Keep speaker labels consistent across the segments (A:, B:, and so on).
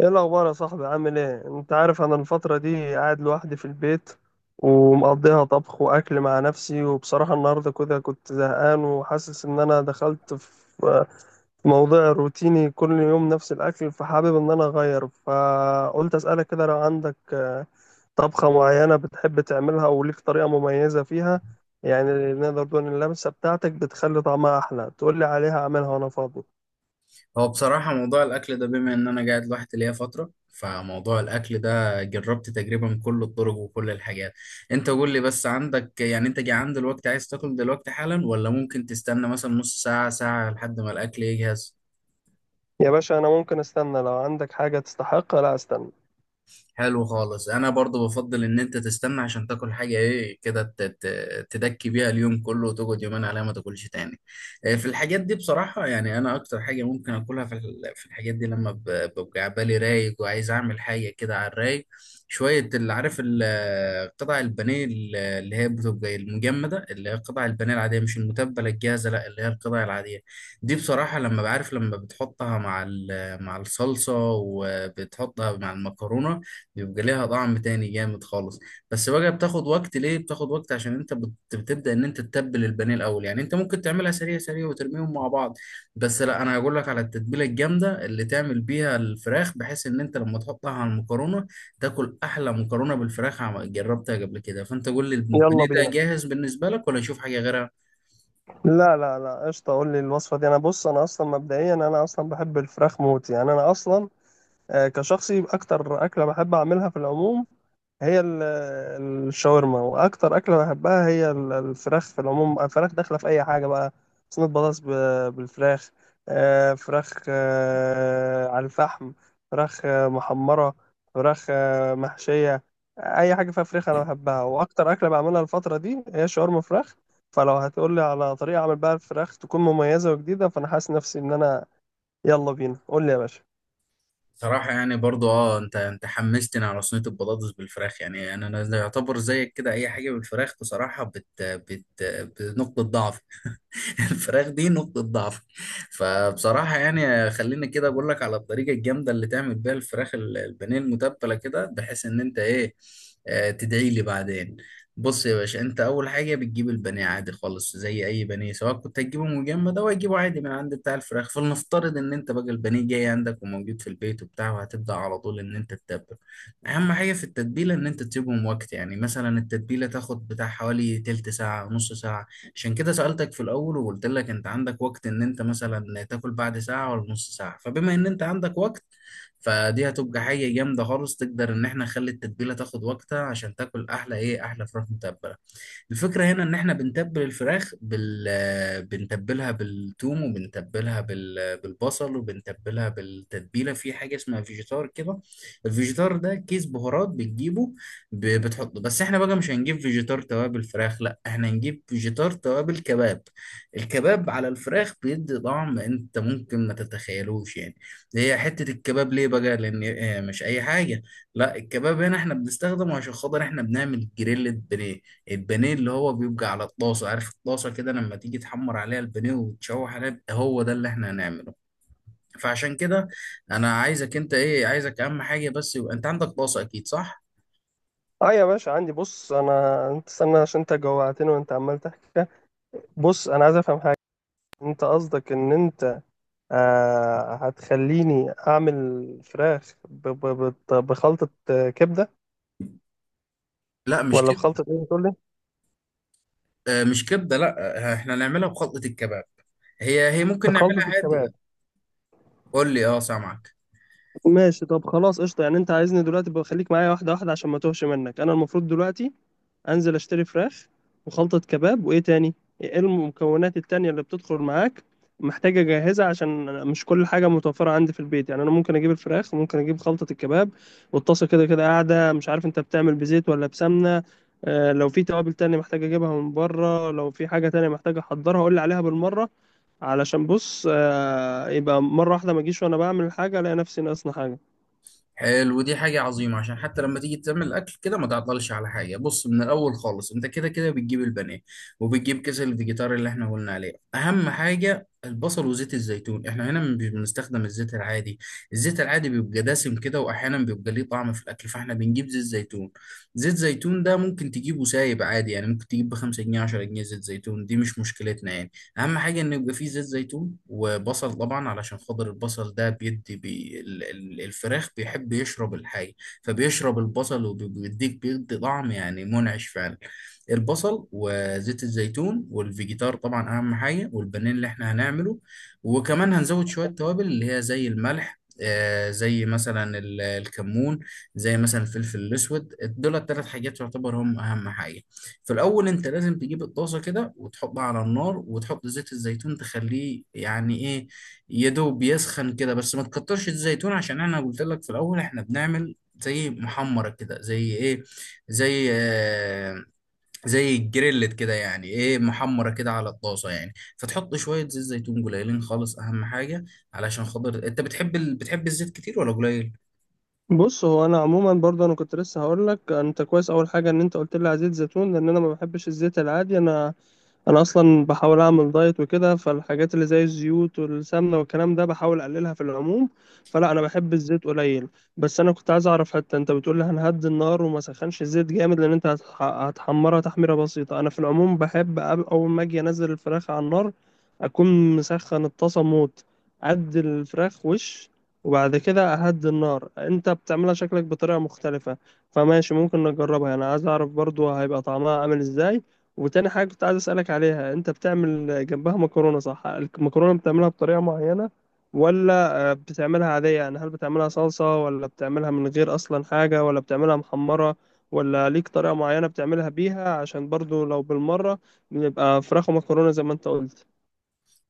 A: ايه الاخبار يا صاحبي؟ عامل ايه؟ انت عارف انا الفتره دي قاعد لوحدي في البيت، ومقضيها طبخ واكل مع نفسي. وبصراحه النهارده كده كنت زهقان، وحاسس ان انا دخلت في موضوع روتيني، كل يوم نفس الاكل، فحابب ان انا اغير، فقلت اسالك كده لو عندك طبخه معينه بتحب تعملها وليك طريقه مميزه فيها. يعني نقدر نقول إن اللمسه بتاعتك بتخلي طعمها احلى. تقول لي عليها اعملها وانا فاضي.
B: هو بصراحة موضوع الأكل ده بما إن أنا قاعد لوحدي ليا فترة، فموضوع الأكل ده جربت تقريبا كل الطرق وكل الحاجات. أنت قول لي بس، عندك يعني أنت جعان دلوقتي عايز تاكل دلوقتي حالا، ولا ممكن تستنى مثلا نص ساعة ساعة لحد ما الأكل يجهز؟
A: يا باشا انا ممكن استنى، لو عندك حاجة تستحق لا استنى.
B: حلو خالص، انا برضو بفضل ان انت تستنى عشان تاكل حاجه ايه كده تدكي بيها اليوم كله وتقعد يومين عليها ما تاكلش تاني. في الحاجات دي بصراحه، يعني انا اكتر حاجه ممكن اكلها في الحاجات دي لما ببقى بالي رايق وعايز اعمل حاجه كده على الرايق شويه، اللي عارف قطع البانيه اللي هي بتبقى المجمده، اللي هي قطع البانيه العاديه مش المتبله الجاهزه، لا اللي هي القطع العاديه دي. بصراحه لما بعرف، لما بتحطها مع مع الصلصه وبتحطها مع المكرونه بيبقى ليها طعم تاني جامد خالص. بس بقى بتاخد وقت، ليه بتاخد وقت؟ عشان انت بتبدأ ان انت تتبل البانيه الاول. يعني انت ممكن تعملها سريع سريع وترميهم مع بعض، بس لا، انا هقول لك على التتبيله الجامده اللي تعمل بيها الفراخ، بحيث ان انت لما تحطها على المكرونه تاكل احلى مكرونه بالفراخ. جربتها قبل كده. فانت قول لي،
A: يلا
B: البانيه ده
A: بينا.
B: جاهز بالنسبه لك ولا نشوف حاجه غيرها؟
A: لا لا لا، قشطة، قول لي الوصفة دي. انا بص، انا اصلا مبدئيا انا اصلا بحب الفراخ موت، يعني انا اصلا كشخصي اكتر اكلة بحب اعملها في العموم هي الشاورما، واكتر اكله بحبها هي الفراخ في العموم. الفراخ داخله في اي حاجه بقى، صينيه بطاطس بالفراخ، فراخ على الفحم، فراخ محمره، فراخ محشيه. اي حاجه فيها فراخ انا بحبها، واكتر اكله بعملها الفتره دي هي شاورما فراخ. فلو هتقولي على طريقه اعمل بقى الفراخ تكون مميزه وجديده، فانا حاسس نفسي ان انا... يلا بينا، قول لي يا باشا.
B: صراحة، يعني برضو اه، انت انت حمستني على صينية البطاطس بالفراخ. يعني انا انا يعتبر زيك كده، اي حاجة بالفراخ بصراحة بت بت بنقطة ضعف. الفراخ دي نقطة ضعف. فبصراحة يعني خليني كده أقول لك على الطريقة الجامدة اللي تعمل بيها الفراخ البانيه المتبلة كده، بحيث إن أنت إيه، تدعي لي بعدين. بص يا باشا، أنت أول حاجة بتجيب البانيه عادي خالص، زي أي بانيه، سواء كنت هتجيبه مجمد أو هتجيبه عادي من عند بتاع الفراخ. فلنفترض إن أنت بقى البانيه جاي عندك وموجود في البيت وبتاع، وهتبدأ على طول إن أنت تتبل. أهم حاجة في التتبيلة إن أنت تسيبهم وقت، يعني مثلا التتبيلة تاخد بتاع حوالي تلت ساعة نص ساعة. عشان كده سألتك في الأول وقلت لك أنت عندك وقت إن أنت مثلا تاكل بعد ساعة ولا نص ساعة، فبما إن أنت عندك وقت فدي هتبقى حاجة جامدة خالص. تقدر إن إحنا نخلي التتبيلة تاخد وقتها عشان تاكل أحلى إيه، أحلى فراخ متبلة. الفكرة هنا إن إحنا بنتبل الفراخ بال آه، بنتبلها بالثوم وبنتبلها بالبصل وبنتبلها بالتتبيلة. في حاجة اسمها فيجيتار كده. الفيجيتار ده كيس بهارات بتجيبه، بتحط. بس احنا بقى مش هنجيب فيجيتار توابل فراخ، لا احنا هنجيب فيجيتار توابل كباب. الكباب على الفراخ بيدي طعم انت ممكن ما تتخيلوش يعني. هي حتة الكباب ليه بقى؟ لان مش اي حاجة، لا الكباب هنا احنا بنستخدمه عشان خاطر احنا بنعمل جريل بانيه. البانيه اللي هو بيبقى على الطاسة، عارف الطاسة كده لما تيجي تحمر عليها البانيه وتشوح عليها، هو ده اللي احنا هنعمله. فعشان كده، انا عايزك، انت ايه، عايزك اهم حاجة بس يبقى انت عندك طاسة، اكيد صح؟
A: اه يا باشا، عندي. بص، انا، انت استنى عشان انت جوعتني وانت عمال تحكي. بص انا عايز افهم حاجه. انت قصدك ان انت هتخليني اعمل فراخ بخلطه كبده؟
B: لا مش
A: ولا
B: كده.
A: بخلطه ايه بتقول لي؟
B: مش كبده لا. احنا نعملها بخلطه الكباب. هي هي ممكن
A: بخلطه
B: نعملها عادي.
A: الكباب؟
B: قول لي، اه سامعك.
A: ماشي، طب خلاص قشطه. يعني انت عايزني دلوقتي، بخليك معايا واحده واحده عشان ما توهش منك. انا المفروض دلوقتي انزل اشتري فراخ وخلطة كباب، وايه تاني؟ ايه المكونات التانية اللي بتدخل معاك محتاجة اجهزها؟ عشان أنا مش كل حاجة متوفرة عندي في البيت. يعني انا ممكن اجيب الفراخ وممكن اجيب خلطة الكباب، والطاسة كده كده قاعدة. مش عارف انت بتعمل بزيت ولا بسمنة. لو في توابل تانية محتاج اجيبها من بره، لو في حاجة تانية محتاج احضرها قول لي عليها بالمرة. علشان بص، يبقى مرة واحدة ما اجيش وانا بعمل حاجة الاقي نفسي ناقصنا حاجة.
B: حلو، دي حاجه عظيمه عشان حتى لما تيجي تعمل الاكل كده ما تعطلش على حاجه. بص، من الاول خالص انت كده كده بتجيب البانيه وبتجيب كيس الفيجيتار اللي احنا قلنا عليه. اهم حاجه البصل وزيت الزيتون، احنا هنا مش بنستخدم الزيت العادي. الزيت العادي بيبقى دسم كده، واحيانا بيبقى ليه طعم في الاكل، فاحنا بنجيب زيت زيتون. زيت زيتون ده ممكن تجيبه سايب عادي، يعني ممكن تجيب ب 5 جنيه 10 جنيه، زيت زيتون دي مش مشكلتنا يعني. اهم حاجه انه يبقى فيه زيت زيتون وبصل، طبعا علشان خاطر البصل ده بيدي الفراخ بيحب يشرب الحاجه، فبيشرب البصل وبيديك، بيدي طعم يعني منعش فعلا. البصل وزيت الزيتون والفيجيتار طبعا اهم حاجه، والبانيه اللي احنا هنعمله. وكمان هنزود شويه توابل اللي هي زي الملح، زي مثلا الكمون، زي مثلا الفلفل الاسود. دول الثلاث حاجات يعتبر هم اهم حاجه. في الاول انت لازم تجيب الطاسه كده وتحطها على النار وتحط زيت الزيتون، تخليه يعني ايه، يا دوب يسخن كده بس ما تكترش الزيتون. عشان انا قلت لك في الاول احنا بنعمل زي محمره كده، زي ايه، زي زي الجريلت كده، يعني ايه محمره كده على الطاسه يعني. فتحط شويه زيت زيتون قليلين خالص، اهم حاجه علشان خاطر انت بتحب بتحب الزيت كتير ولا قليل؟
A: بص، هو انا عموما برضه انا كنت لسه هقول لك، انت كويس اول حاجه ان انت قلت لي على زيت زيتون، لان انا ما بحبش الزيت العادي. انا اصلا بحاول اعمل دايت وكده، فالحاجات اللي زي الزيوت والسمنه والكلام ده بحاول اقللها في العموم. فلا، انا بحب الزيت قليل. بس انا كنت عايز اعرف، حتى انت بتقول لي هنهدي النار وما سخنش الزيت جامد لان انت هتحمرها تحميره بسيطه. انا في العموم بحب اول ما اجي انزل الفراخ على النار اكون مسخن الطاسه موت، ادي الفراخ وش وبعد كده اهدي النار. انت بتعملها شكلك بطريقه مختلفه، فماشي، ممكن نجربها، انا عايز اعرف برضو هيبقى طعمها عامل ازاي. وتاني حاجة كنت عايز أسألك عليها، أنت بتعمل جنبها مكرونة صح؟ المكرونة بتعملها بطريقة معينة ولا بتعملها عادية؟ يعني هل بتعملها صلصة، ولا بتعملها من غير أصلا حاجة، ولا بتعملها محمرة، ولا ليك طريقة معينة بتعملها بيها؟ عشان برضو لو بالمرة نبقى فراخ ومكرونة زي ما أنت قلت.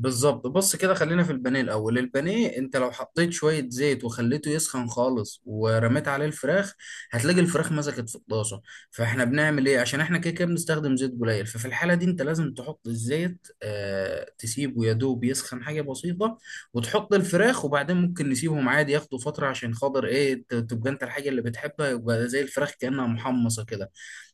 B: بالظبط، بص كده خلينا في البانيه الاول. البانيه انت لو حطيت شويه زيت وخليته يسخن خالص ورميت عليه الفراخ هتلاقي الفراخ مسكت في الطاسه. فاحنا بنعمل ايه؟ عشان احنا كده كده بنستخدم زيت قليل. ففي الحاله دي انت لازم تحط الزيت تسيبه يدوب يسخن حاجه بسيطه وتحط الفراخ. وبعدين ممكن نسيبهم عادي ياخدوا فتره عشان خاطر ايه، تبقى انت الحاجه اللي بتحبها يبقى زي الفراخ كانها محمصه كده.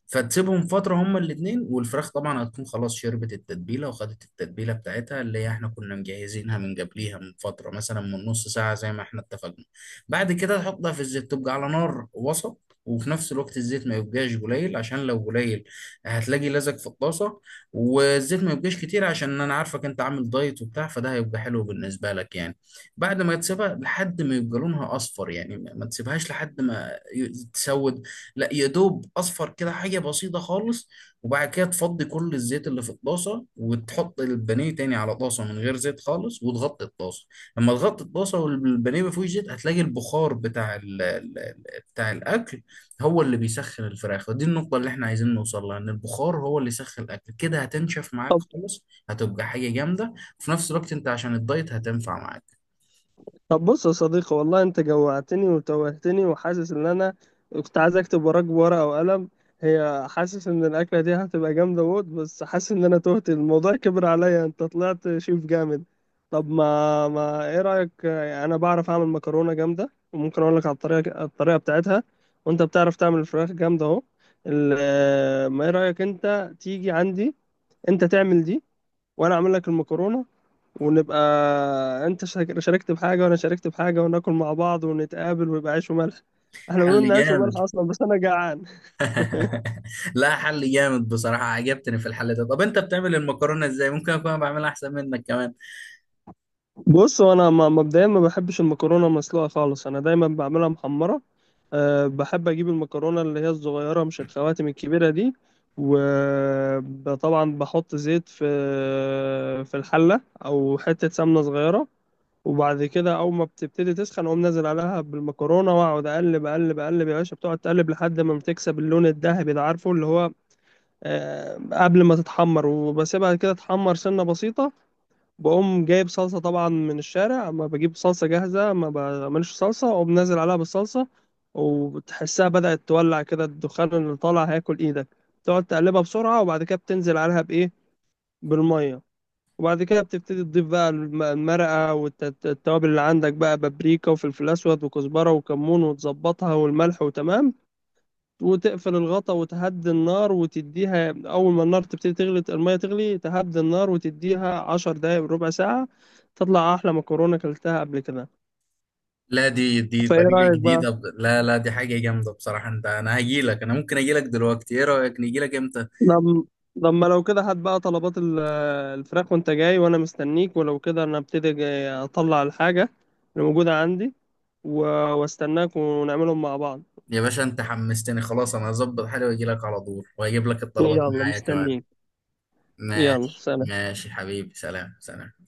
B: فتسيبهم فترة هما الاتنين، والفراخ طبعا هتكون خلاص شربت التتبيلة وخدت التتبيلة بتاعتها اللي احنا كنا مجهزينها من قبليها من فترة مثلا من نص ساعة زي ما احنا اتفقنا. بعد كده تحطها في الزيت تبقى على نار وسط، وفي نفس الوقت الزيت ما يبقاش قليل عشان لو قليل هتلاقي لزق في الطاسة، والزيت ما يبقاش كتير عشان انا عارفك انت عامل دايت وبتاع، فده هيبقى حلو بالنسبة لك يعني. بعد ما تسيبها لحد ما يبقى لونها اصفر، يعني ما تسيبهاش لحد ما تسود، لا يا دوب اصفر كده حاجه بسيطه خالص. وبعد كده تفضي كل الزيت اللي في الطاسه وتحط البانيه تاني على طاسه من غير زيت خالص وتغطي الطاسه. لما تغطي الطاسه والبانيه ما فيهوش زيت هتلاقي البخار بتاع بتاع الاكل هو اللي بيسخن الفراخ. ودي النقطه اللي احنا عايزين نوصل لها، ان البخار هو اللي يسخن الاكل كده، هتنشف معاك خالص، هتبقى حاجه جامده. وفي نفس الوقت انت عشان الدايت هتنفع معاك.
A: طب بص يا صديقي، والله انت جوعتني وتوهتني، وحاسس ان انا كنت عايز اكتب وراك بورقة وقلم. هي، حاسس ان الاكلة دي هتبقى جامدة موت، بس حاسس ان انا تهت، الموضوع كبر عليا، انت طلعت شيف جامد. طب ما ايه رأيك، انا بعرف اعمل مكرونة جامدة وممكن اقول لك على الطريقة بتاعتها. وانت بتعرف تعمل فراخ جامدة اهو. اه، ما ايه رأيك انت تيجي عندي، انت تعمل دي، وانا اعمل لك المكرونة، ونبقى... انت شاركت بحاجه وانا شاركت بحاجه، وناكل مع بعض ونتقابل ويبقى عيش وملح. احنا ما
B: حل
A: بينا عيش
B: جامد.
A: وملح اصلا، بس انا جعان.
B: لا حل جامد بصراحة، عجبتني في الحل ده. طب انت بتعمل المكرونة ازاي؟ ممكن اكون بعملها احسن منك كمان.
A: بص، وانا مبدئيا ما بحبش المكرونه المسلوقه خالص، انا دايما بعملها محمره. أه، بحب اجيب المكرونه اللي هي الصغيره مش الخواتم الكبيره دي. وطبعا بحط زيت في الحله او حته سمنه صغيره. وبعد كده اول ما بتبتدي تسخن، اقوم نازل عليها بالمكرونه، واقعد اقلب اقلب اقلب. يا باشا بتقعد تقلب لحد ما بتكسب اللون الذهبي ده، عارفه اللي هو قبل ما تتحمر، وبسيبها كده تحمر سنه بسيطه. بقوم جايب صلصه، طبعا من الشارع، اما بجيب صلصه جاهزه، ما بعملش صلصه. اقوم نازل عليها بالصلصه، وبتحسها بدأت تولع كده، الدخان اللي طالع هياكل ايدك. تقعد تقلبها بسرعه، وبعد كده بتنزل عليها بايه؟ بالميه. وبعد كده بتبتدي تضيف بقى المرقة والتوابل اللي عندك بقى، بابريكا وفلفل أسود وكزبرة وكمون، وتظبطها والملح، وتمام. وتقفل الغطا وتهدي النار وتديها، أول ما النار تبتدي تغلي، المية تغلي تهدي النار وتديها 10 دقايق، ربع ساعة. تطلع أحلى مكرونة أكلتها قبل كده.
B: لا دي
A: فإيه
B: طريقة
A: رأيك بقى؟
B: جديدة، لا، لا، دي حاجة جامدة بصراحة. انت انا هجيلك، انا ممكن اجيلك دلوقتي، ايه رأيك نجيلك امتى؟
A: لما لما لو كده هات بقى طلبات الفراخ، وانت جاي وانا مستنيك. ولو كده انا ابتدي جاي اطلع الحاجة اللي موجودة عندي، و- واستناك ونعملهم مع بعض.
B: يا باشا انت حمستني خلاص، انا هظبط حالي واجيلك على طول واجيب لك الطلبات
A: يلا
B: معايا كمان.
A: مستنيك. يلا
B: ماشي
A: سلام.
B: ماشي حبيبي، سلام سلام.